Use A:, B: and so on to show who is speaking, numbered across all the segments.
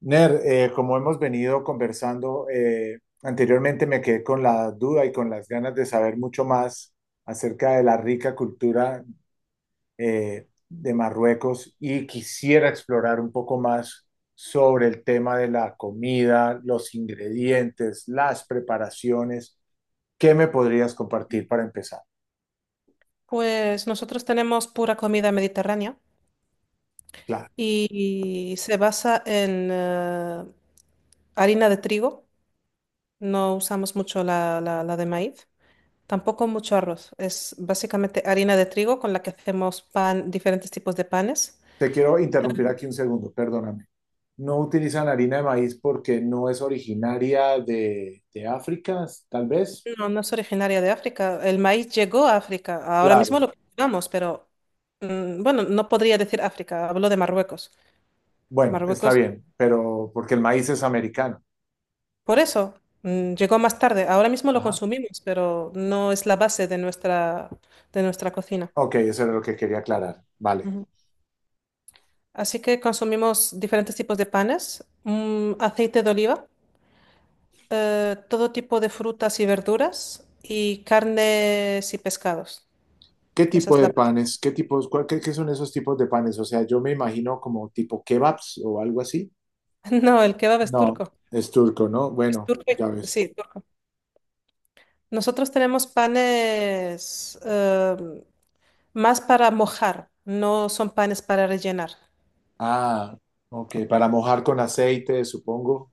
A: Ner, como hemos venido conversando anteriormente, me quedé con la duda y con las ganas de saber mucho más acerca de la rica cultura de Marruecos y quisiera explorar un poco más sobre el tema de la comida, los ingredientes, las preparaciones. ¿Qué me podrías compartir para empezar?
B: Pues nosotros tenemos pura comida mediterránea
A: Claro,
B: y se basa en harina de trigo, no usamos mucho la de maíz, tampoco mucho arroz, es básicamente harina de trigo con la que hacemos pan, diferentes tipos de panes.
A: te quiero interrumpir aquí un segundo, perdóname. No utilizan harina de maíz porque no es originaria de África, tal vez.
B: No, no es originaria de África, el maíz llegó a África, ahora
A: Claro.
B: mismo lo cultivamos, pero bueno, no podría decir África, hablo de Marruecos.
A: Bueno, está
B: Marruecos.
A: bien, pero porque el maíz es americano.
B: Por eso, llegó más tarde. Ahora mismo lo
A: Ajá.
B: consumimos, pero no es la base de de nuestra cocina.
A: Ok, eso era lo que quería aclarar. Vale.
B: Ujú. Así que consumimos diferentes tipos de panes, mm, aceite de oliva, todo tipo de frutas y verduras y carnes y pescados.
A: ¿Qué
B: Esa
A: tipo
B: es la...
A: de panes? ¿Qué tipos? ¿Qué, qué son esos tipos de panes? O sea, yo me imagino como tipo kebabs o algo así.
B: No, el kebab es
A: No,
B: turco.
A: es turco, ¿no?
B: Es
A: Bueno,
B: turco,
A: ya ves.
B: sí, turco. Nosotros tenemos panes más para mojar, no son panes para rellenar.
A: Ah, ok, para mojar con aceite, supongo.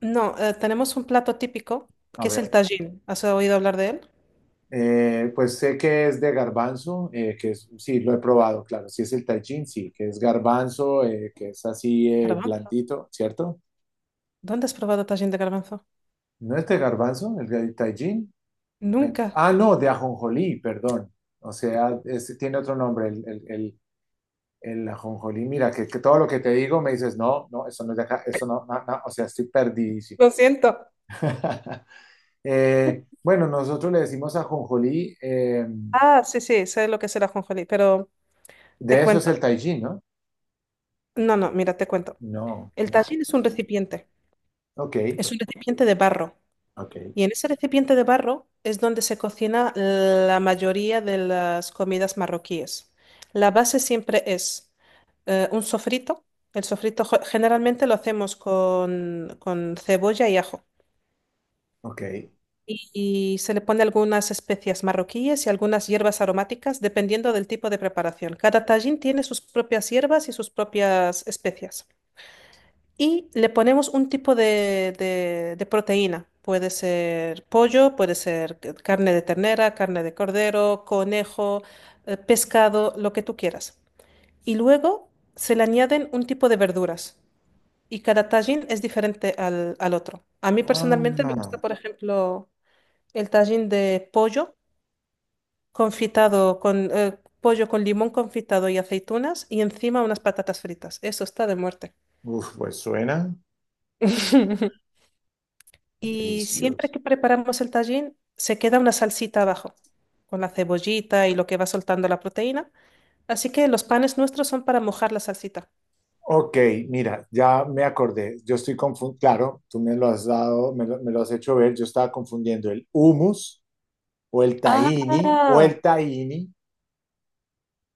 B: No, tenemos un plato típico
A: A
B: que es el
A: ver.
B: tajín. ¿Has oído hablar de él?
A: Pues sé que es de garbanzo, que es, sí, lo he probado, claro, sí es el tajín, sí, que es garbanzo, que es así
B: Garbanzo.
A: blandito, ¿cierto?
B: ¿Dónde has probado tajín de garbanzo?
A: ¿No es de garbanzo, el del tajín?
B: Nunca.
A: No, de ajonjolí, perdón. O sea, tiene otro nombre, el ajonjolí. Mira, que todo lo que te digo me dices, no, no, eso no es de acá, eso no, no, no", o sea, estoy perdidísimo.
B: Lo siento.
A: Bueno, nosotros le decimos ajonjolí,
B: Ah, sí, sí, sé lo que es el ajonjolí, pero te
A: de eso es
B: cuento.
A: el tajín, ¿no?
B: No, no, mira, te cuento.
A: No,
B: El
A: no.
B: tajín
A: Ok.
B: es un recipiente de barro.
A: Ok,
B: Y en ese recipiente de barro es donde se cocina la mayoría de las comidas marroquíes. La base siempre es un sofrito. El sofrito generalmente lo hacemos con cebolla y ajo.
A: ok.
B: Y se le pone algunas especias marroquíes y algunas hierbas aromáticas, dependiendo del tipo de preparación. Cada tajín tiene sus propias hierbas y sus propias especias. Y le ponemos un tipo de proteína. Puede ser pollo, puede ser carne de ternera, carne de cordero, conejo, pescado, lo que tú quieras. Y luego se le añaden un tipo de verduras. Y cada tajín es diferente al otro. A mí personalmente me
A: Ah,
B: gusta, por ejemplo, el tajín de pollo confitado con pollo con limón confitado y aceitunas y encima unas patatas fritas. Eso está de muerte.
A: uf, pues suena
B: Y siempre
A: delicioso.
B: que preparamos el tajín, se queda una salsita abajo, con la cebollita y lo que va soltando la proteína. Así que los panes nuestros son para mojar la salsita.
A: Ok, mira, ya me acordé. Yo estoy confundiendo, claro, tú me lo has dado, me lo has hecho ver. Yo estaba confundiendo el hummus
B: Ah,
A: o el tahini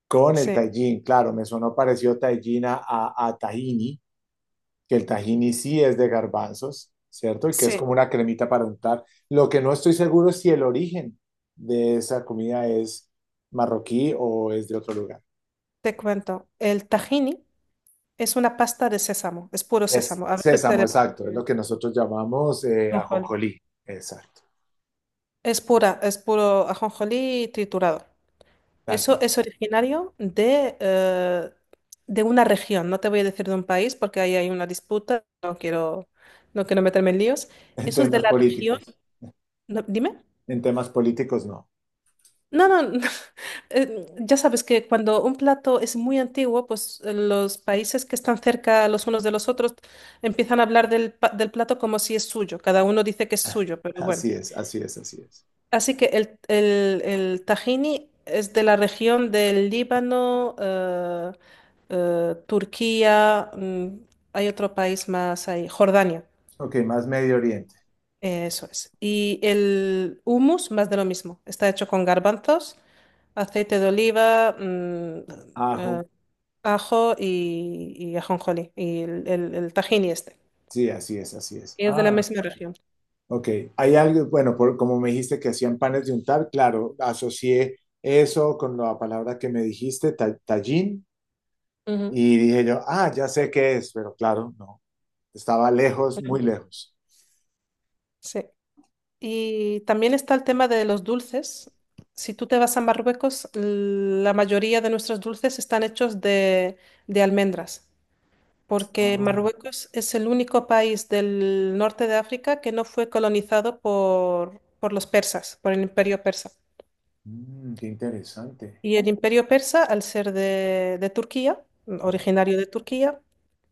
A: con el
B: sí,
A: tajín. Claro, me sonó parecido tajín a, a tahini, que el tahini sí es de garbanzos, ¿cierto? Y que es como
B: sí,
A: una cremita para untar. Lo que no estoy seguro es si el origen de esa comida es marroquí o es de otro lugar.
B: te cuento. El tahini es una pasta de sésamo, es puro
A: Es
B: sésamo. A veces se
A: sésamo,
B: le
A: exacto, es lo que nosotros llamamos
B: pone...
A: ajonjolí, exacto,
B: Es pura, es puro ajonjolí triturado.
A: tal
B: Eso
A: cual.
B: es originario de una región, no te voy a decir de un país porque ahí hay una disputa, no quiero, no quiero meterme en líos.
A: En
B: Eso es de
A: temas
B: la región,
A: políticos,
B: no, dime.
A: en temas políticos no.
B: No, no, no, ya sabes que cuando un plato es muy antiguo, pues los países que están cerca los unos de los otros empiezan a hablar del plato como si es suyo, cada uno dice que es suyo, pero bueno.
A: Así es, así es, así es.
B: Así que el tahini es de la región del Líbano, Turquía, mm, hay otro país más ahí, Jordania,
A: Ok, más Medio Oriente.
B: eso es. Y el hummus, más de lo mismo. Está hecho con garbanzos, aceite de oliva, mm,
A: Ajo,
B: eh, ajo y ajonjolí, y el tahini este.
A: sí, así es, así es.
B: Y es de la
A: Ah,
B: misma región.
A: ok. Hay algo, bueno, por, como me dijiste que hacían panes de untar, claro, asocié eso con la palabra que me dijiste, tallín,
B: Ujú,
A: y dije yo, ah, ya sé qué es, pero claro, no, estaba lejos,
B: ujú.
A: muy lejos.
B: Sí. Y también está el tema de los dulces. Si tú te vas a Marruecos, la mayoría de nuestros dulces están hechos de almendras, porque
A: Ah,
B: Marruecos es el único país del norte de África que no fue colonizado por los persas, por el imperio persa.
A: mm, qué interesante.
B: Y el imperio persa, al ser de Turquía, originario de Turquía,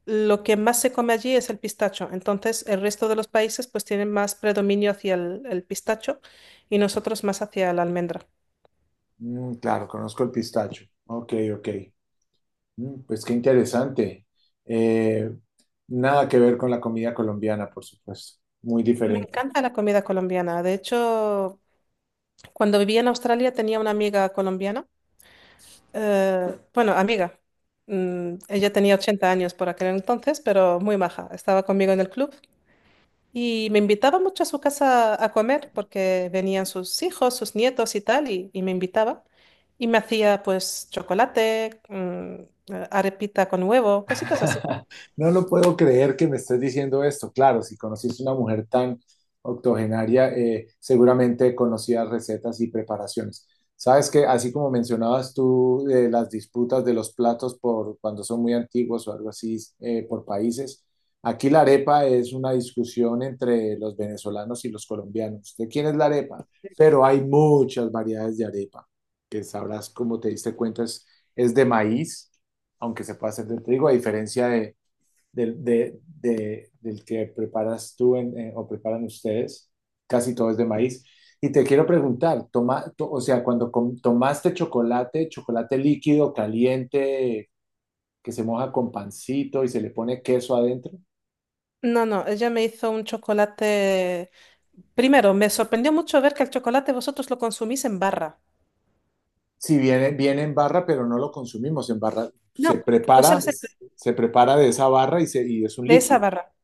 B: lo que más se come allí es el pistacho. Entonces, el resto de los países pues tienen más predominio hacia el pistacho y nosotros más hacia la almendra.
A: Mm, claro, conozco el pistacho. Ok, ok. Mm, pues qué interesante. Eh, Nada que ver con la comida colombiana, por supuesto. Muy
B: Me
A: diferente.
B: encanta la comida colombiana. De hecho, cuando vivía en Australia tenía una amiga colombiana. Bueno, amiga. Mm, ella tenía 80 años por aquel entonces, pero muy maja. Estaba conmigo en el club. Y me invitaba mucho a su casa a comer porque venían sus hijos, sus nietos y tal, y me invitaba. Y me hacía pues chocolate, mm, arepita con huevo, cositas así.
A: No lo puedo creer que me estés diciendo esto. Claro, si conociste una mujer tan octogenaria, seguramente conocías recetas y preparaciones. Sabes que así como mencionabas tú las disputas de los platos por cuando son muy antiguos o algo así por países, aquí la arepa es una discusión entre los venezolanos y los colombianos. ¿De quién es la arepa? Pero hay muchas variedades de arepa, que sabrás como te diste cuenta es de maíz aunque se pueda hacer de trigo, a diferencia de, del que preparas tú en, o preparan ustedes, casi todo es de maíz. Y te quiero preguntar, o sea, cuando tomaste chocolate, chocolate líquido, caliente, que se moja con pancito y se le pone queso adentro,
B: No, no, ella me hizo un chocolate. Primero, me sorprendió mucho ver que el chocolate vosotros lo consumís en barra.
A: si viene, viene en barra, pero no lo consumimos en barra,
B: No, lo suele hacer
A: se prepara de esa barra y, se, y es un
B: de esa
A: líquido.
B: barra.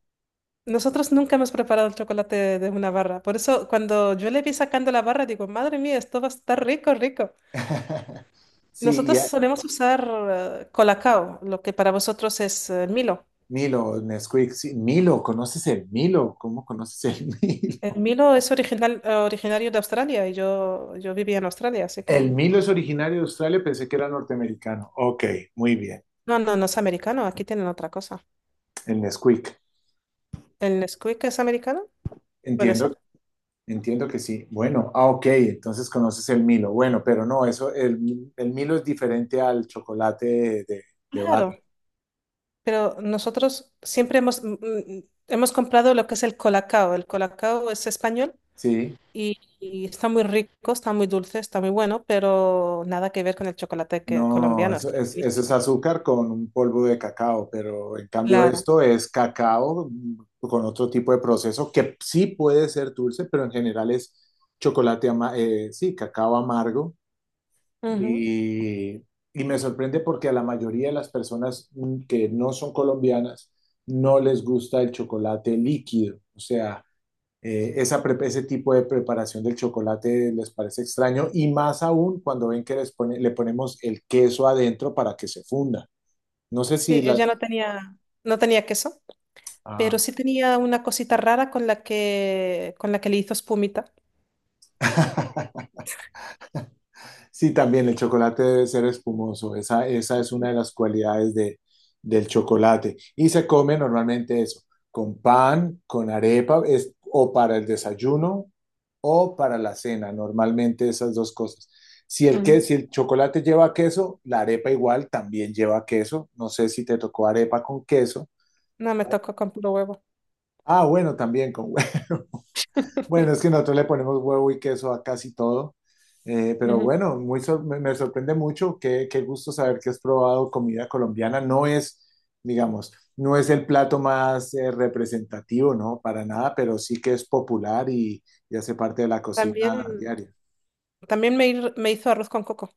B: Nosotros nunca hemos preparado el chocolate de una barra. Por eso, cuando yo le vi sacando la barra, digo, madre mía, esto va a estar rico, rico.
A: Sí,
B: Nosotros
A: y,
B: solemos usar Colacao, lo que para vosotros es Milo.
A: Milo, Nesquik, sí, Milo, ¿conoces el Milo? ¿Cómo conoces el Milo?
B: El Milo es original, originario de Australia y yo vivía en Australia, así que...
A: El Milo es originario de Australia, pensé que era norteamericano. Ok, muy bien,
B: No, no, no es americano, aquí tienen otra cosa.
A: el Nesquik.
B: ¿El Nesquik es americano? Puede
A: Entiendo,
B: ser.
A: entiendo que sí. Bueno, ah, ok, entonces conoces el Milo. Bueno, pero no, eso, el Milo es diferente al chocolate de barra,
B: Claro, pero nosotros siempre hemos, mm, mm, hemos comprado lo que es el Colacao. El Colacao es español
A: ¿sí?
B: y está muy rico, está muy dulce, está muy bueno, pero nada que ver con el chocolate que,
A: No,
B: colombiano, está
A: eso es
B: buenísimo.
A: azúcar con un polvo de cacao, pero en cambio
B: Claro.
A: esto es cacao mm, con otro tipo de proceso que sí puede ser dulce, pero en general es chocolate, sí, cacao amargo.
B: Ujú.
A: Y, y me sorprende porque a la mayoría de las personas mm, que no son colombianas no les gusta el chocolate líquido. O sea, esa pre- ese tipo de preparación del chocolate les parece extraño y más aún cuando ven que le ponemos el queso adentro para que se funda. No sé
B: Sí,
A: si la...
B: ella no tenía, no tenía queso,
A: Ah.
B: pero sí tenía una cosita rara con la que le hizo espumita.
A: Sí, también el chocolate debe ser espumoso. Esa es una de las cualidades de, del chocolate. Y se come normalmente eso, con pan, con arepa, es, o para el desayuno o para la cena, normalmente esas dos cosas. Si
B: Ujú.
A: si el chocolate lleva queso, la arepa igual también lleva queso. No sé si te tocó arepa con queso.
B: No, me tocó con puro huevo.
A: Ah, bueno, también con huevo. Bueno, es que nosotros le ponemos huevo y queso a casi todo. Pero
B: Ujú.
A: bueno, me sorprende mucho. Qué, qué gusto saber que has probado comida colombiana. No es, digamos, no es el plato más representativo, ¿no? Para nada, pero sí que es popular y hace parte de la cocina
B: También,
A: diaria.
B: me hizo arroz con coco.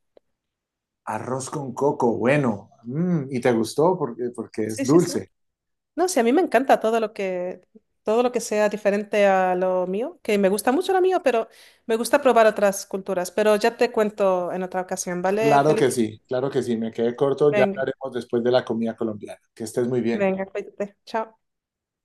A: Arroz con coco, bueno. Mm, ¿y te gustó? Porque, porque es
B: Sí, sí, sí.
A: dulce.
B: No, sí, a mí me encanta todo lo que sea diferente a lo mío, que me gusta mucho lo mío, pero me gusta probar otras culturas. Pero ya te cuento en otra ocasión, ¿vale,
A: Claro que
B: Felipe?
A: sí, claro que sí. Me quedé corto. Ya
B: Venga,
A: hablaremos después de la comida colombiana. Que estés muy bien.
B: venga, cuídate. Chao.